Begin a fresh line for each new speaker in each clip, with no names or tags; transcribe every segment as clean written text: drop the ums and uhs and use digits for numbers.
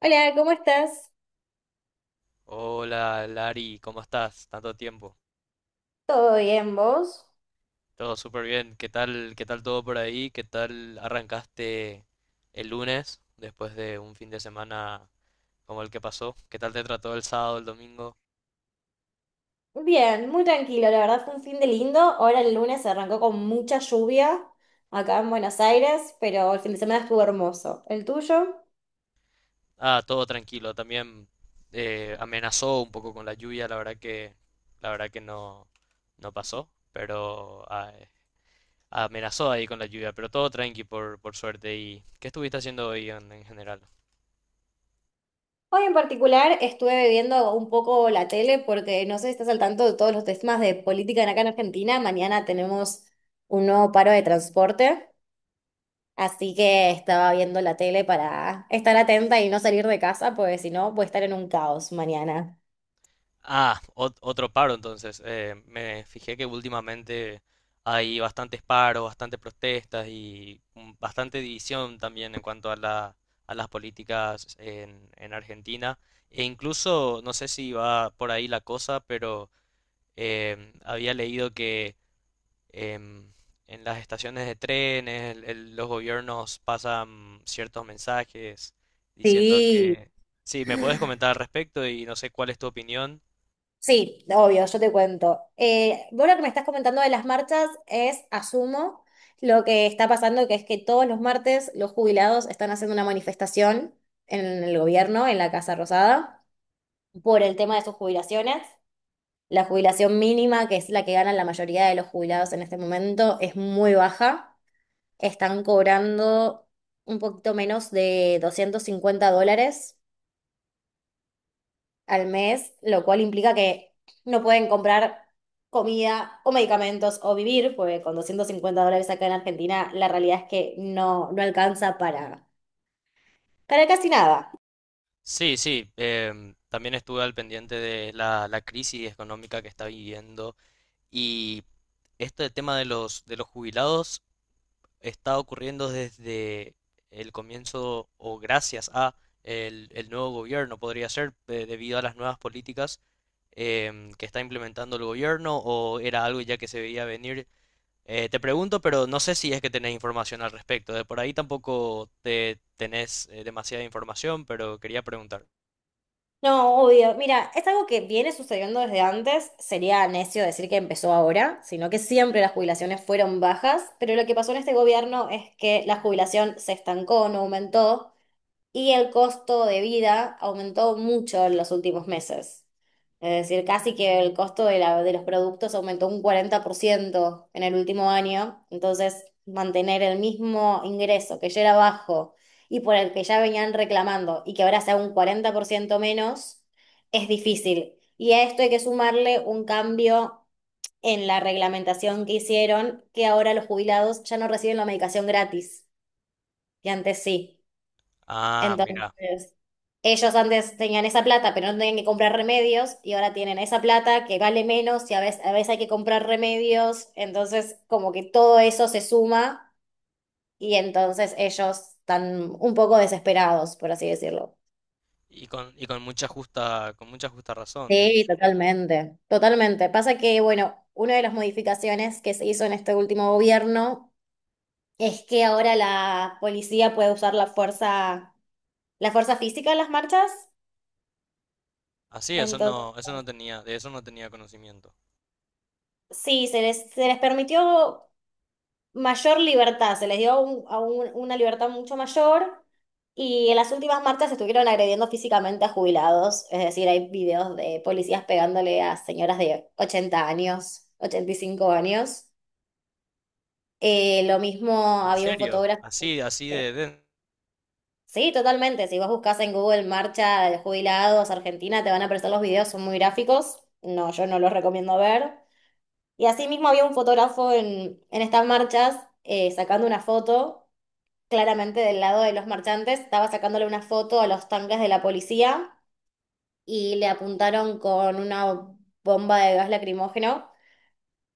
Hola, ¿cómo estás?
Hola, Lari, ¿cómo estás? Tanto tiempo.
¿Todo bien, vos?
Todo súper bien. Qué tal todo por ahí? ¿Qué tal arrancaste el lunes después de un fin de semana como el que pasó? ¿Qué tal te trató el sábado, el domingo?
Bien, muy tranquilo, la verdad fue un fin de lindo. Ahora el lunes arrancó con mucha lluvia acá en Buenos Aires, pero el fin de semana estuvo hermoso. ¿El tuyo?
Ah, todo tranquilo. También amenazó un poco con la lluvia. La verdad que no, no pasó, pero ah, amenazó ahí con la lluvia. Pero todo tranqui por suerte. ¿Y qué estuviste haciendo hoy en general?
Hoy en particular estuve viendo un poco la tele porque no sé si estás al tanto de todos los temas de política en acá en Argentina. Mañana tenemos un nuevo paro de transporte, así que estaba viendo la tele para estar atenta y no salir de casa, porque si no voy a estar en un caos mañana.
Ah, otro paro entonces. Me fijé que últimamente hay bastantes paros, bastantes protestas y bastante división también en cuanto a a las políticas en Argentina. E incluso, no sé si va por ahí la cosa, pero había leído que em, en las estaciones de trenes los gobiernos pasan ciertos mensajes diciendo
Sí.
que… Sí, ¿me puedes comentar al respecto y no sé cuál es tu opinión?
Sí, obvio, yo te cuento. Vos lo que me estás comentando de las marchas es, asumo, lo que está pasando, que es que todos los martes los jubilados están haciendo una manifestación en el gobierno, en la Casa Rosada, por el tema de sus jubilaciones. La jubilación mínima, que es la que ganan la mayoría de los jubilados en este momento, es muy baja. Están cobrando un poquito menos de $250 al mes, lo cual implica que no pueden comprar comida o medicamentos o vivir, porque con $250 acá en Argentina la realidad es que no alcanza para casi nada.
Sí, sí, también estuve al pendiente de la crisis económica que está viviendo y este tema de de los jubilados está ocurriendo desde el comienzo o gracias a el nuevo gobierno, podría ser, debido a las nuevas políticas que está implementando el gobierno o era algo ya que se veía venir. Te pregunto, pero no sé si es que tenés información al respecto. De por ahí tampoco te tenés demasiada información, pero quería preguntar.
No, obvio. Mira, es algo que viene sucediendo desde antes. Sería necio decir que empezó ahora, sino que siempre las jubilaciones fueron bajas, pero lo que pasó en este gobierno es que la jubilación se estancó, no aumentó. Y el costo de vida aumentó mucho en los últimos meses. Es decir, casi que el costo de los productos aumentó un 40% en el último año. Entonces, mantener el mismo ingreso que ya era bajo y por el que ya venían reclamando y que ahora sea un 40% menos, es difícil. Y a esto hay que sumarle un cambio en la reglamentación que hicieron, que ahora los jubilados ya no reciben la medicación gratis, y antes sí.
Ah, mira,
Entonces, ellos antes tenían esa plata, pero no tenían que comprar remedios, y ahora tienen esa plata que vale menos y a veces hay que comprar remedios. Entonces, como que todo eso se suma y entonces ellos están un poco desesperados, por así decirlo.
y con mucha justa razón, de
Sí,
hecho.
totalmente, totalmente. Pasa que, bueno, una de las modificaciones que se hizo en este último gobierno es que ahora la policía puede usar la fuerza física en las marchas.
Así, eso no tenía, de eso no tenía conocimiento.
Sí, se les permitió mayor libertad, se les dio una libertad mucho mayor y en las últimas marchas estuvieron agrediendo físicamente a jubilados, es decir, hay videos de policías pegándole a señoras de 80 años, 85 años. Lo mismo
¿En
había un
serio?
fotógrafo.
Así, así
eh,
de,
Sí, totalmente, si vos buscas en Google marcha de jubilados Argentina, te van a aparecer los videos, son muy gráficos, no, yo no los recomiendo ver. Y así mismo había un fotógrafo en estas marchas sacando una foto, claramente del lado de los marchantes, estaba sacándole una foto a los tanques de la policía y le apuntaron con una bomba de gas lacrimógeno,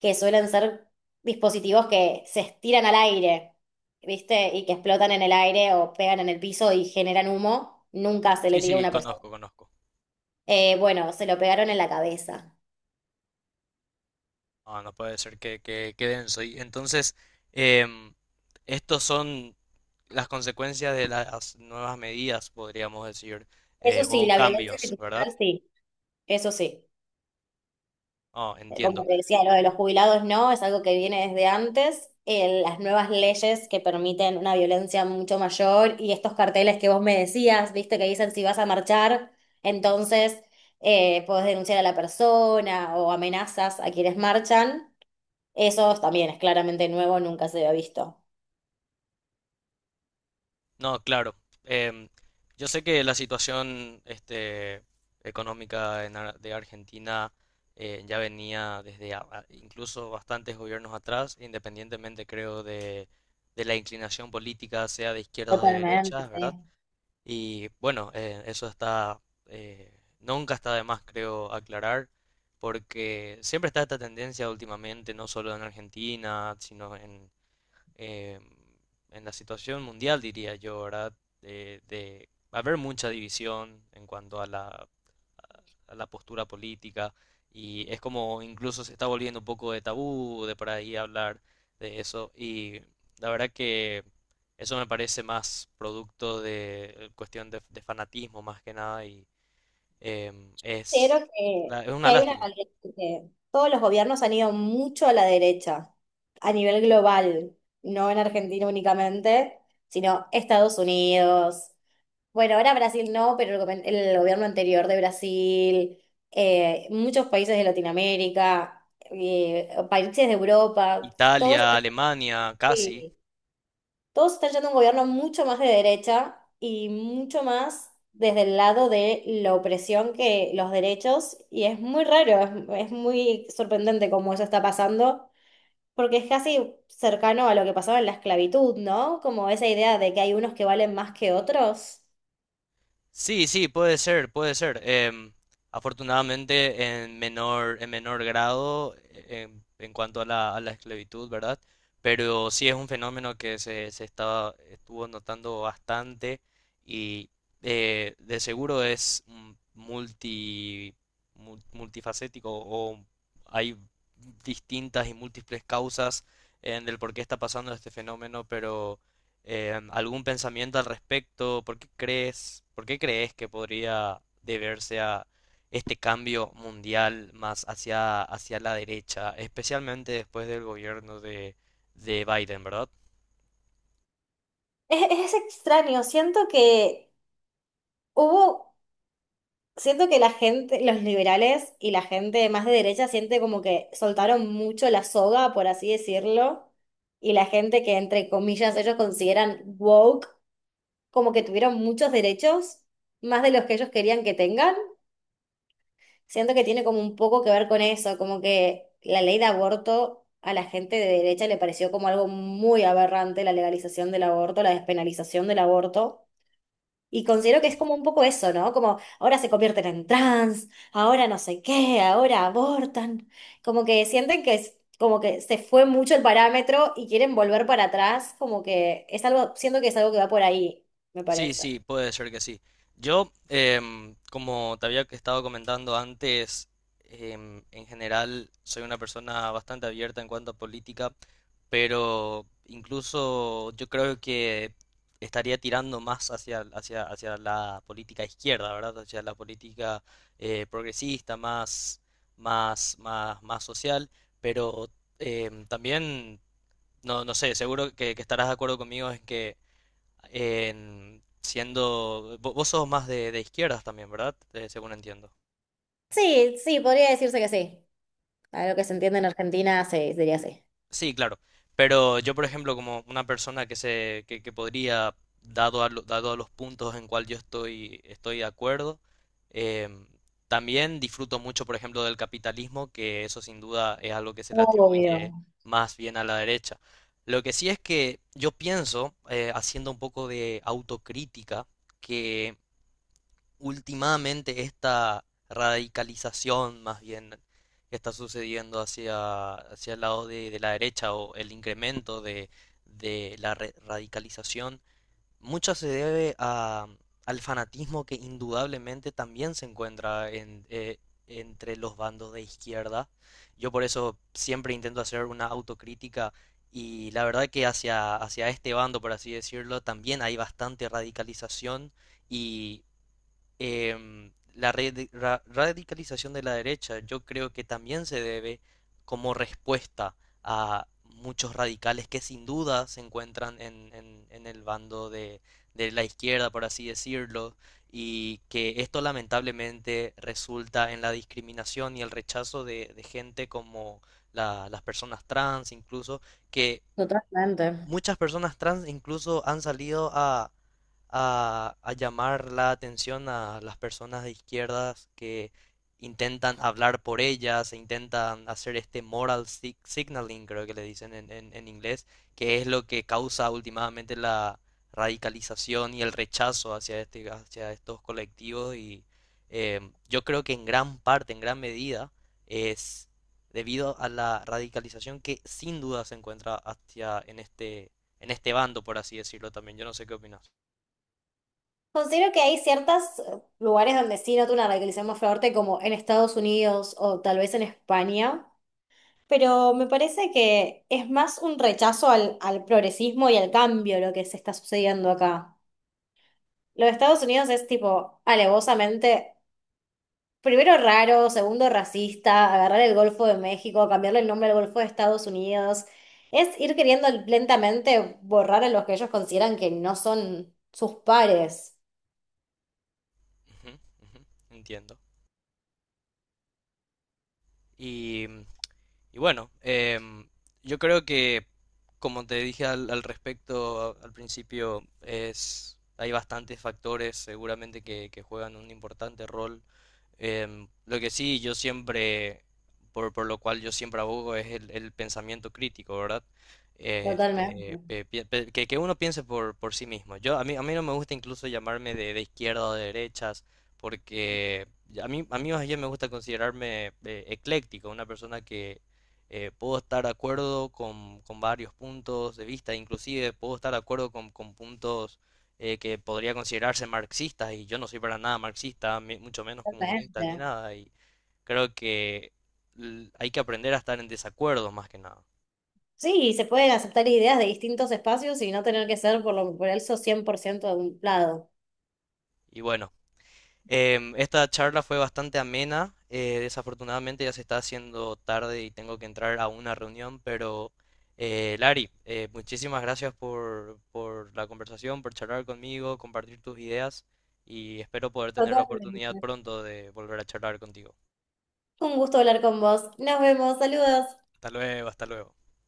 que suelen ser dispositivos que se estiran al aire, ¿viste? Y que explotan en el aire o pegan en el piso y generan humo. Nunca se
Sí,
le tiró a
sí,
una persona.
conozco, conozco.
Bueno, se lo pegaron en la cabeza.
No, no puede ser que denso. Y entonces, em, estos son las consecuencias de las nuevas medidas, podríamos decir,
Eso sí,
o
la violencia
cambios, ¿verdad?
institucional sí, eso sí.
Oh,
Como
entiendo.
te decía, lo de los jubilados no, es algo que viene desde antes. Las nuevas leyes que permiten una violencia mucho mayor y estos carteles que vos me decías, viste, que dicen si vas a marchar, entonces podés denunciar a la persona o amenazas a quienes marchan. Eso también es claramente nuevo, nunca se había visto.
No, claro. Em, yo sé que la situación este, económica en de Argentina ya venía desde incluso bastantes gobiernos atrás, independientemente creo de la inclinación política, sea de izquierdas o de
Totalmente,
derechas,
sí.
¿verdad? Y bueno, eso está, eh, nunca está de más, creo, aclarar, porque siempre está esta tendencia últimamente, no solo en Argentina, sino eh, en la situación mundial, diría yo, ¿verdad? De haber mucha división en cuanto a a la postura política y es como incluso se está volviendo un poco de tabú de por ahí hablar de eso y la verdad que eso me parece más producto de cuestión de fanatismo más que nada y em,
Considero
es,
que,
es una
que
Sí.
hay una
lástima.
realidad que todos los gobiernos han ido mucho a la derecha, a nivel global, no en Argentina únicamente, sino Estados Unidos. Bueno, ahora Brasil no, pero el gobierno anterior de Brasil, muchos países de Latinoamérica, países de Europa, todos
Italia,
están
Alemania, casi.
todos están yendo a un gobierno mucho más de derecha y mucho más desde el lado de la opresión que los derechos, y es muy raro, es muy sorprendente cómo eso está pasando, porque es casi cercano a lo que pasaba en la esclavitud, ¿no? Como esa idea de que hay unos que valen más que otros.
Sí, sí, puede ser, puede ser. Em, afortunadamente en menor grado en cuanto a a la esclavitud, ¿verdad? Pero sí es un fenómeno que se estaba, estuvo notando bastante y de seguro es multi, multifacético o hay distintas y múltiples causas en el por qué está pasando este fenómeno, pero ¿algún pensamiento al respecto? Por qué crees que podría deberse a este cambio mundial más hacia, hacia la derecha, especialmente después del gobierno de Biden, ¿verdad?
Es extraño, siento que hubo siento que la gente, los liberales y la gente más de derecha siente como que soltaron mucho la soga, por así decirlo, y la gente que entre comillas ellos consideran woke, como que tuvieron muchos derechos, más de los que ellos querían que tengan. Siento que tiene como un poco que ver con eso, como que la ley de aborto a la gente de derecha le pareció como algo muy aberrante, la legalización del aborto, la despenalización del aborto. Y considero que es como un poco eso, ¿no? Como ahora se convierten en trans, ahora no sé qué, ahora abortan. Como que sienten que es, como que se fue mucho el parámetro y quieren volver para atrás, como que es algo, siento que es algo que va por ahí, me
Sí,
parece.
sí, puede ser que sí. Yo, como te había estado comentando antes, en general soy una persona bastante abierta en cuanto a política, pero incluso yo creo que estaría tirando más hacia, hacia, hacia la política izquierda, ¿verdad? Hacia la política progresista, más, más social, pero también, no, no sé, seguro que estarás de acuerdo conmigo en que siendo… Vos sos más de izquierdas también, ¿verdad? Según entiendo.
Sí, sí, podría decirse que sí. A lo que
Y-
se entiende en Argentina, sí, diría sí.
Sí, claro. Pero yo, por ejemplo, como una persona que se, que podría, dado a, dado a los puntos en cual yo estoy, estoy de acuerdo, em, también disfruto mucho, por ejemplo, del capitalismo, que eso sin duda es algo que se le atribuye
Obvio.
más bien a la derecha. Lo que sí es que yo pienso, haciendo un poco de autocrítica, que últimamente esta radicalización más bien que está sucediendo hacia, hacia el lado de la derecha o el incremento de la radicalización, mucho se debe a, al fanatismo que indudablemente también se encuentra en, entre los bandos de izquierda. Yo por eso siempre intento hacer una autocrítica y la verdad que hacia, hacia este bando, por así decirlo, también hay bastante radicalización y la radicalización de la derecha yo creo que también se debe como respuesta a muchos radicales que sin duda se encuentran en, en el bando de la izquierda, por así decirlo, y que esto lamentablemente resulta en la discriminación y el rechazo de gente como las personas trans, incluso, que
Totalmente.
muchas personas trans incluso han salido a llamar la atención a las personas de izquierdas que intentan hablar por ellas, e intentan hacer este moral signaling, creo que le dicen en, en inglés, que es lo que causa últimamente la radicalización y el rechazo hacia este, hacia estos colectivos y yo creo que en gran parte, en gran medida, es debido a la radicalización que sin duda se encuentra hacia en este bando, por así decirlo también. Yo no sé qué opinas.
Considero que hay ciertos lugares donde sí noto una radicalización más fuerte, como en Estados Unidos o tal vez en España. Pero me parece que es más un rechazo al progresismo y al cambio lo que se está sucediendo acá. Lo de Estados Unidos es tipo alevosamente, primero raro, segundo racista, agarrar el Golfo de México, cambiarle el nombre al Golfo de Estados Unidos. Es ir queriendo lentamente borrar a los que ellos consideran que no son sus pares.
Ujú, ujú, entiendo. Y, y bueno, yo creo que, como te dije al, al respecto al principio, es, hay bastantes factores seguramente que juegan un importante rol. Em, lo que sí, yo siempre, por lo cual yo siempre abogo es el pensamiento crítico, ¿verdad? Este,
Totalmente,
que uno piense por sí mismo. Yo, a mí no me gusta incluso llamarme de izquierda o de derechas porque a mí más bien me gusta considerarme ecléctico, una persona que puedo estar de acuerdo con varios puntos de vista, inclusive puedo estar de acuerdo con puntos que podría considerarse marxistas, y yo no soy para nada marxista, mucho menos comunista ni
totalmente.
nada, y creo que hay que aprender a estar en desacuerdo más que nada.
Sí, se pueden aceptar ideas de distintos espacios y no tener que ser por lo por eso 100% de un lado.
Y bueno. Em, esta charla fue bastante amena. Eh, desafortunadamente ya se está haciendo tarde y tengo que entrar a una reunión, pero Lari, muchísimas gracias por la conversación, por charlar conmigo, compartir tus ideas y espero poder tener la oportunidad
Totalmente.
pronto de volver a charlar contigo.
Un gusto hablar con vos. Nos vemos. Saludos.
Hasta luego, hasta luego.